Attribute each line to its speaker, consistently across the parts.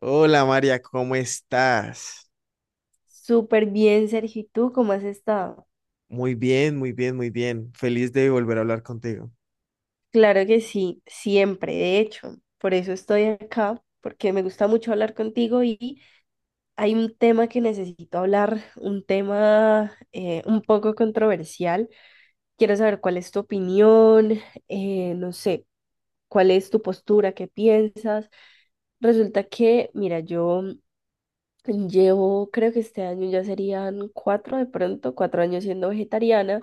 Speaker 1: Hola María, ¿cómo estás?
Speaker 2: Súper bien, Sergio. ¿Y tú cómo has estado?
Speaker 1: Muy bien, muy bien, muy bien. Feliz de volver a hablar contigo.
Speaker 2: Claro que sí, siempre, de hecho. Por eso estoy acá, porque me gusta mucho hablar contigo y hay un tema que necesito hablar, un tema un poco controversial. Quiero saber cuál es tu opinión, no sé, cuál es tu postura, qué piensas. Resulta que, mira, yo llevo, creo que este año ya serían cuatro de pronto, 4 años siendo vegetariana.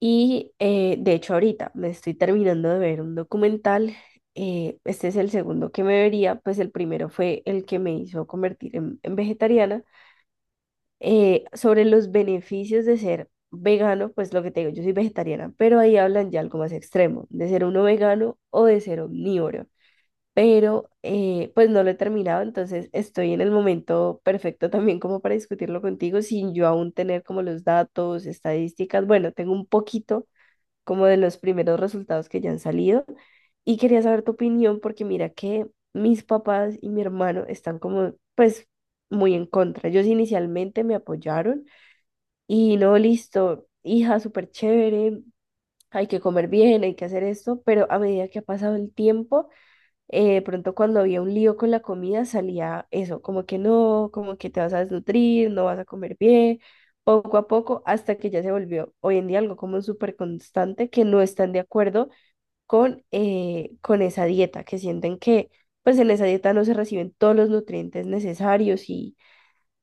Speaker 2: Y de hecho ahorita me estoy terminando de ver un documental. Este es el segundo que me vería, pues el primero fue el que me hizo convertir en vegetariana. Sobre los beneficios de ser vegano, pues lo que te digo, yo soy vegetariana, pero ahí hablan ya algo más extremo, de ser uno vegano o de ser omnívoro. Pero pues no lo he terminado, entonces estoy en el momento perfecto también como para discutirlo contigo sin yo aún tener como los datos, estadísticas. Bueno, tengo un poquito como de los primeros resultados que ya han salido. Y quería saber tu opinión porque mira que mis papás y mi hermano están como, pues, muy en contra. Ellos inicialmente me apoyaron y no, listo, hija, súper chévere, hay que comer bien, hay que hacer esto, pero a medida que ha pasado el tiempo de pronto cuando había un lío con la comida salía eso, como que no, como que te vas a desnutrir, no vas a comer bien, poco a poco, hasta que ya se volvió hoy en día algo como súper constante que no están de acuerdo con esa dieta, que sienten que pues en esa dieta no se reciben todos los nutrientes necesarios y,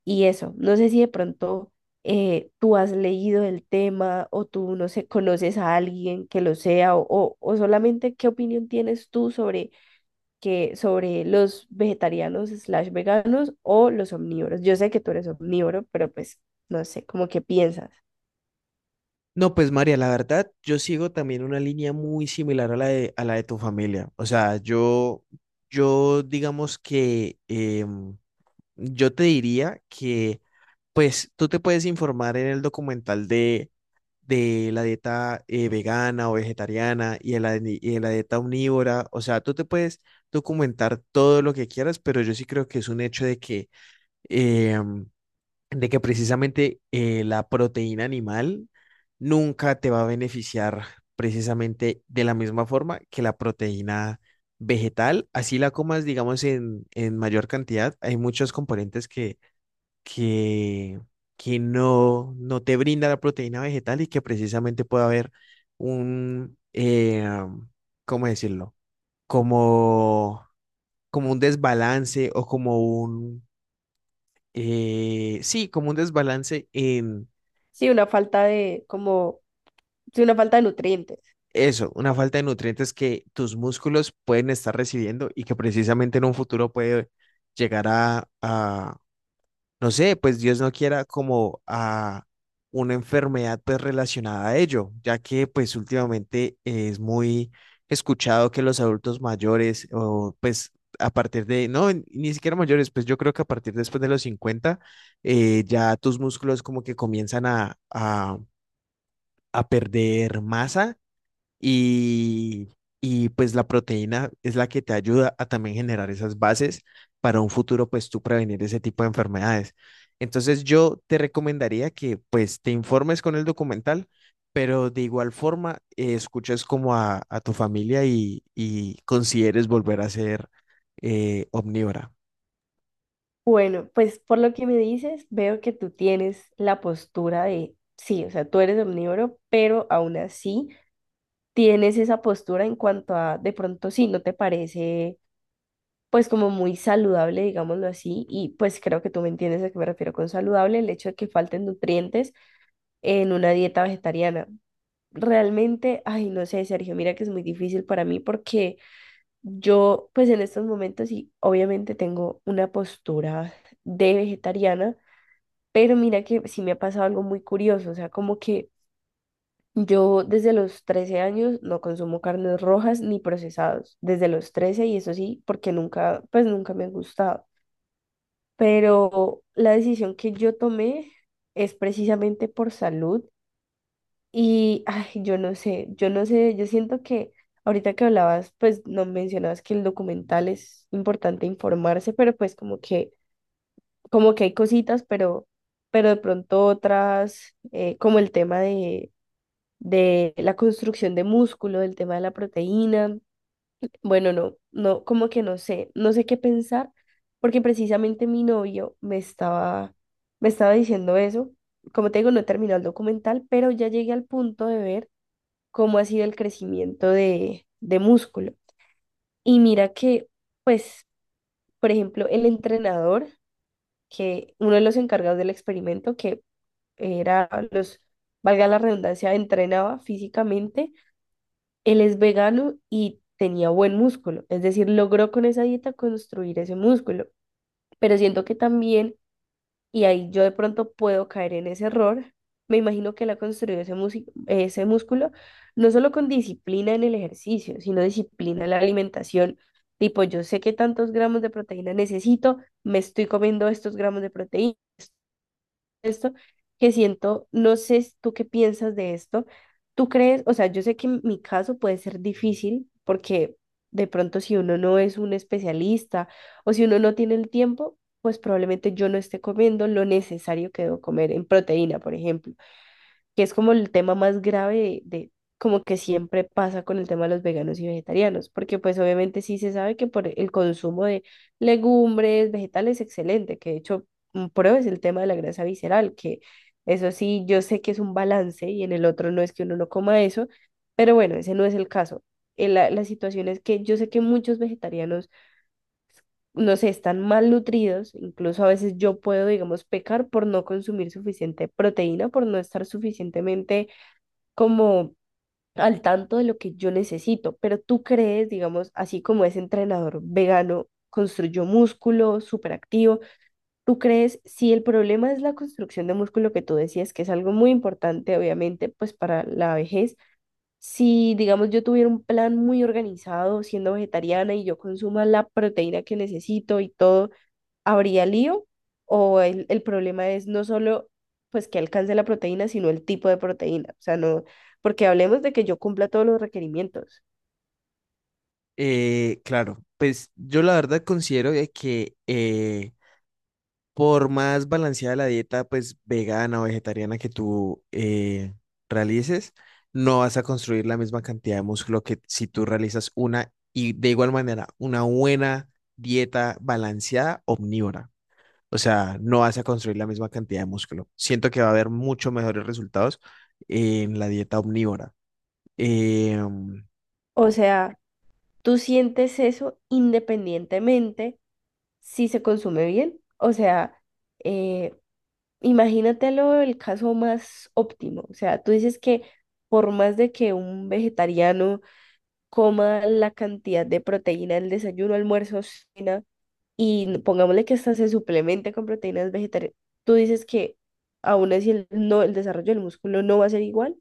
Speaker 2: y eso. No sé si de pronto tú has leído el tema o tú, no sé, conoces a alguien que lo sea o solamente qué opinión tienes tú sobre los vegetarianos/veganos o los omnívoros. Yo sé que tú eres omnívoro, pero pues no sé, como que piensas.
Speaker 1: No, pues María, la verdad, yo sigo también una línea muy similar a la de tu familia. O sea, yo digamos que yo te diría que, pues, tú te puedes informar en el documental de la dieta vegana o vegetariana y de la, y de la dieta omnívora. O sea, tú te puedes documentar todo lo que quieras, pero yo sí creo que es un hecho de que eh, de que precisamente la proteína animal nunca te va a beneficiar precisamente de la misma forma que la proteína vegetal, así la comas, digamos, en mayor cantidad. Hay muchos componentes que, que no, no te brinda la proteína vegetal y que precisamente puede haber un ¿cómo decirlo? Como, como un desbalance o como un, sí, como un desbalance en
Speaker 2: Sí, una falta de, como, sí, una falta de nutrientes.
Speaker 1: eso, una falta de nutrientes que tus músculos pueden estar recibiendo y que precisamente en un futuro puede llegar a, no sé, pues Dios no quiera, como a una enfermedad pues relacionada a ello, ya que pues últimamente es muy escuchado que los adultos mayores o pues a partir de, no, ni siquiera mayores, pues yo creo que a partir después de los 50 ya tus músculos como que comienzan a perder masa y, y pues la proteína es la que te ayuda a también generar esas bases para un futuro, pues tú prevenir ese tipo de enfermedades. Entonces yo te recomendaría que pues te informes con el documental, pero de igual forma escuches como a tu familia y consideres volver a ser omnívora.
Speaker 2: Bueno, pues por lo que me dices, veo que tú tienes la postura de, sí, o sea, tú eres omnívoro, pero aún así tienes esa postura en cuanto a, de pronto sí, no te parece pues como muy saludable, digámoslo así, y pues creo que tú me entiendes a qué me refiero con saludable, el hecho de que falten nutrientes en una dieta vegetariana. Realmente, ay, no sé, Sergio, mira que es muy difícil para mí porque yo, pues en estos momentos sí, obviamente tengo una postura de vegetariana, pero mira que sí me ha pasado algo muy curioso, o sea, como que yo desde los 13 años no consumo carnes rojas ni procesados, desde los 13 y eso sí, porque nunca, pues nunca me han gustado, pero la decisión que yo tomé es precisamente por salud. Y, ay, yo no sé, yo no sé, yo siento que ahorita que hablabas, pues no mencionabas que el documental es importante informarse, pero pues como que, hay cositas, pero de pronto otras, como el tema de la construcción de músculo, el tema de la proteína, bueno, no, no, como que no sé, no sé qué pensar, porque precisamente mi novio me estaba, diciendo eso. Como te digo, no he terminado el documental, pero ya llegué al punto de ver cómo ha sido el crecimiento de músculo. Y mira que, pues, por ejemplo, el entrenador, que uno de los encargados del experimento, que era los, valga la redundancia, entrenaba físicamente, él es vegano y tenía buen músculo, es decir, logró con esa dieta construir ese músculo. Pero siento que también, y ahí yo de pronto puedo caer en ese error. Me imagino que él ha construido ese músculo no solo con disciplina en el ejercicio, sino disciplina en la alimentación. Tipo, yo sé que tantos gramos de proteína necesito, me estoy comiendo estos gramos de proteína, esto que siento, no sé si tú qué piensas de esto. ¿Tú crees? O sea, yo sé que en mi caso puede ser difícil porque de pronto si uno no es un especialista o si uno no tiene el tiempo, pues probablemente yo no esté comiendo lo necesario que debo comer en proteína, por ejemplo, que es como el tema más grave de, como que siempre pasa con el tema de los veganos y vegetarianos, porque pues obviamente sí se sabe que por el consumo de legumbres, vegetales, excelente, que de hecho, prueba es el tema de la grasa visceral, que eso sí, yo sé que es un balance y en el otro no es que uno no coma eso, pero bueno, ese no es el caso. La situación es que yo sé que muchos vegetarianos, no sé, están mal nutridos, incluso a veces yo puedo, digamos, pecar por no consumir suficiente proteína, por no estar suficientemente como al tanto de lo que yo necesito, pero tú crees, digamos, así como ese entrenador vegano construyó músculo súper activo, tú crees, si el problema es la construcción de músculo que tú decías, que es algo muy importante, obviamente, pues para la vejez, si, digamos, yo tuviera un plan muy organizado siendo vegetariana y yo consuma la proteína que necesito y todo, ¿habría lío? ¿O el problema es no solo pues que alcance la proteína, sino el tipo de proteína? O sea, no, porque hablemos de que yo cumpla todos los requerimientos.
Speaker 1: Claro, pues yo la verdad considero de que por más balanceada la dieta, pues vegana o vegetariana que tú realices, no vas a construir la misma cantidad de músculo que si tú realizas una y de igual manera una buena dieta balanceada omnívora. O sea, no vas a construir la misma cantidad de músculo. Siento que va a haber mucho mejores resultados en la dieta omnívora. Em,
Speaker 2: O sea, tú sientes eso independientemente si se consume bien. O sea, eh, imagínatelo el caso más óptimo. O sea, tú dices que por más de que un vegetariano coma la cantidad de proteína el desayuno, almuerzo, cena, y pongámosle que hasta se suplemente con proteínas vegetarianas, tú dices que aún así el, no, el desarrollo del músculo no va a ser igual.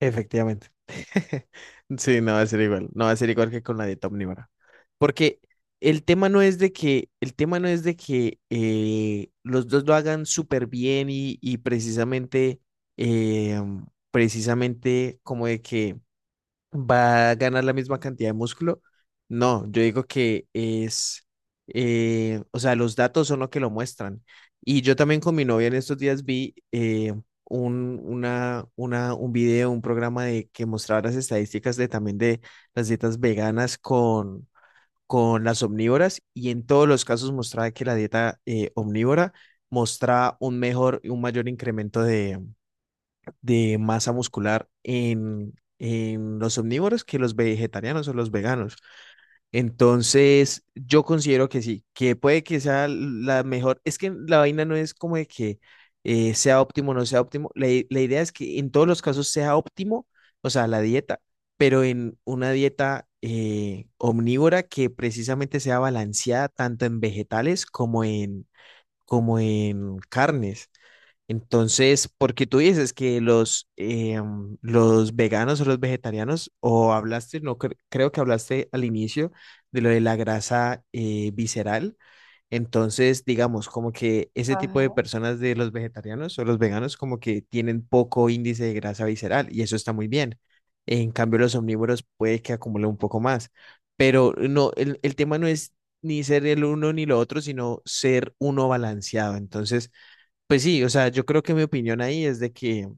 Speaker 1: Efectivamente. Sí, no va a ser igual. No va a ser igual que con la dieta omnívora. Porque el tema no es de que, el tema no es de que los dos lo hagan súper bien y precisamente, eh, precisamente como de que va a ganar la misma cantidad de músculo. No, yo digo que es, o sea, los datos son lo que lo muestran. Y yo también con mi novia en estos días vi un video, un programa de, que mostraba las estadísticas de también de las dietas veganas con las omnívoras y en todos los casos mostraba que la dieta omnívora mostraba un mejor, un mayor incremento de masa muscular en los omnívoros que los vegetarianos o los veganos. Entonces, yo considero que sí, que puede que sea la mejor. Es que la vaina no es como de que sea óptimo o no sea óptimo. La, la idea es que en todos los casos sea óptimo, o sea, la dieta, pero en una dieta omnívora que precisamente sea balanceada tanto en vegetales como en, como en carnes. Entonces, porque tú dices que los, los veganos o los vegetarianos, o hablaste, no creo que hablaste al inicio de lo de la grasa visceral. Entonces, digamos, como que ese tipo de
Speaker 2: Ajá.
Speaker 1: personas de los vegetarianos o los veganos, como que tienen poco índice de grasa visceral y eso está muy bien. En cambio, los omnívoros puede que acumulen un poco más, pero no, el tema no es ni ser el uno ni lo otro, sino ser uno balanceado. Entonces, pues sí, o sea, yo creo que mi opinión ahí es de que,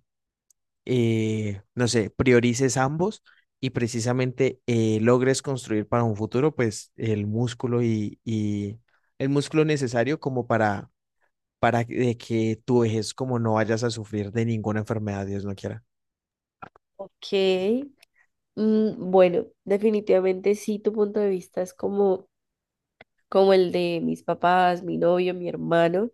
Speaker 1: no sé, priorices ambos y precisamente logres construir para un futuro, pues, el músculo y el músculo necesario como para de que tu vejez como no vayas a sufrir de ninguna enfermedad, Dios no quiera.
Speaker 2: Ok, bueno, definitivamente sí, tu punto de vista es como, el de mis papás, mi novio, mi hermano.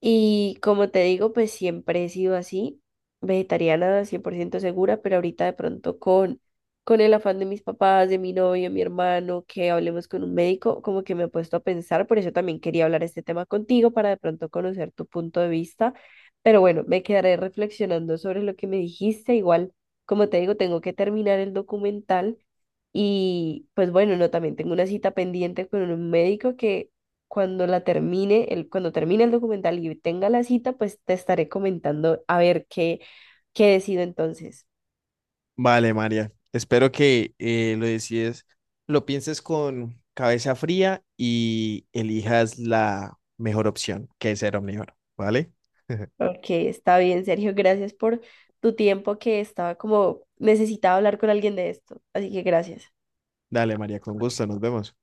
Speaker 2: Y como te digo, pues siempre he sido así, vegetariana 100% segura, pero ahorita de pronto con el afán de mis papás, de mi novio, mi hermano, que hablemos con un médico, como que me he puesto a pensar, por eso también quería hablar este tema contigo para de pronto conocer tu punto de vista. Pero bueno, me quedaré reflexionando sobre lo que me dijiste. Igual, como te digo, tengo que terminar el documental y pues bueno, no, también tengo una cita pendiente con un médico que cuando la termine, cuando termine el documental y tenga la cita, pues te estaré comentando a ver qué, decido entonces.
Speaker 1: Vale, María. Espero que lo decides, lo pienses con cabeza fría y elijas la mejor opción, que es ser omnívoro, ¿vale?
Speaker 2: Ok, está bien, Sergio, gracias por tu tiempo que estaba como necesitaba hablar con alguien de esto, así que gracias.
Speaker 1: Dale, María, con gusto, nos vemos.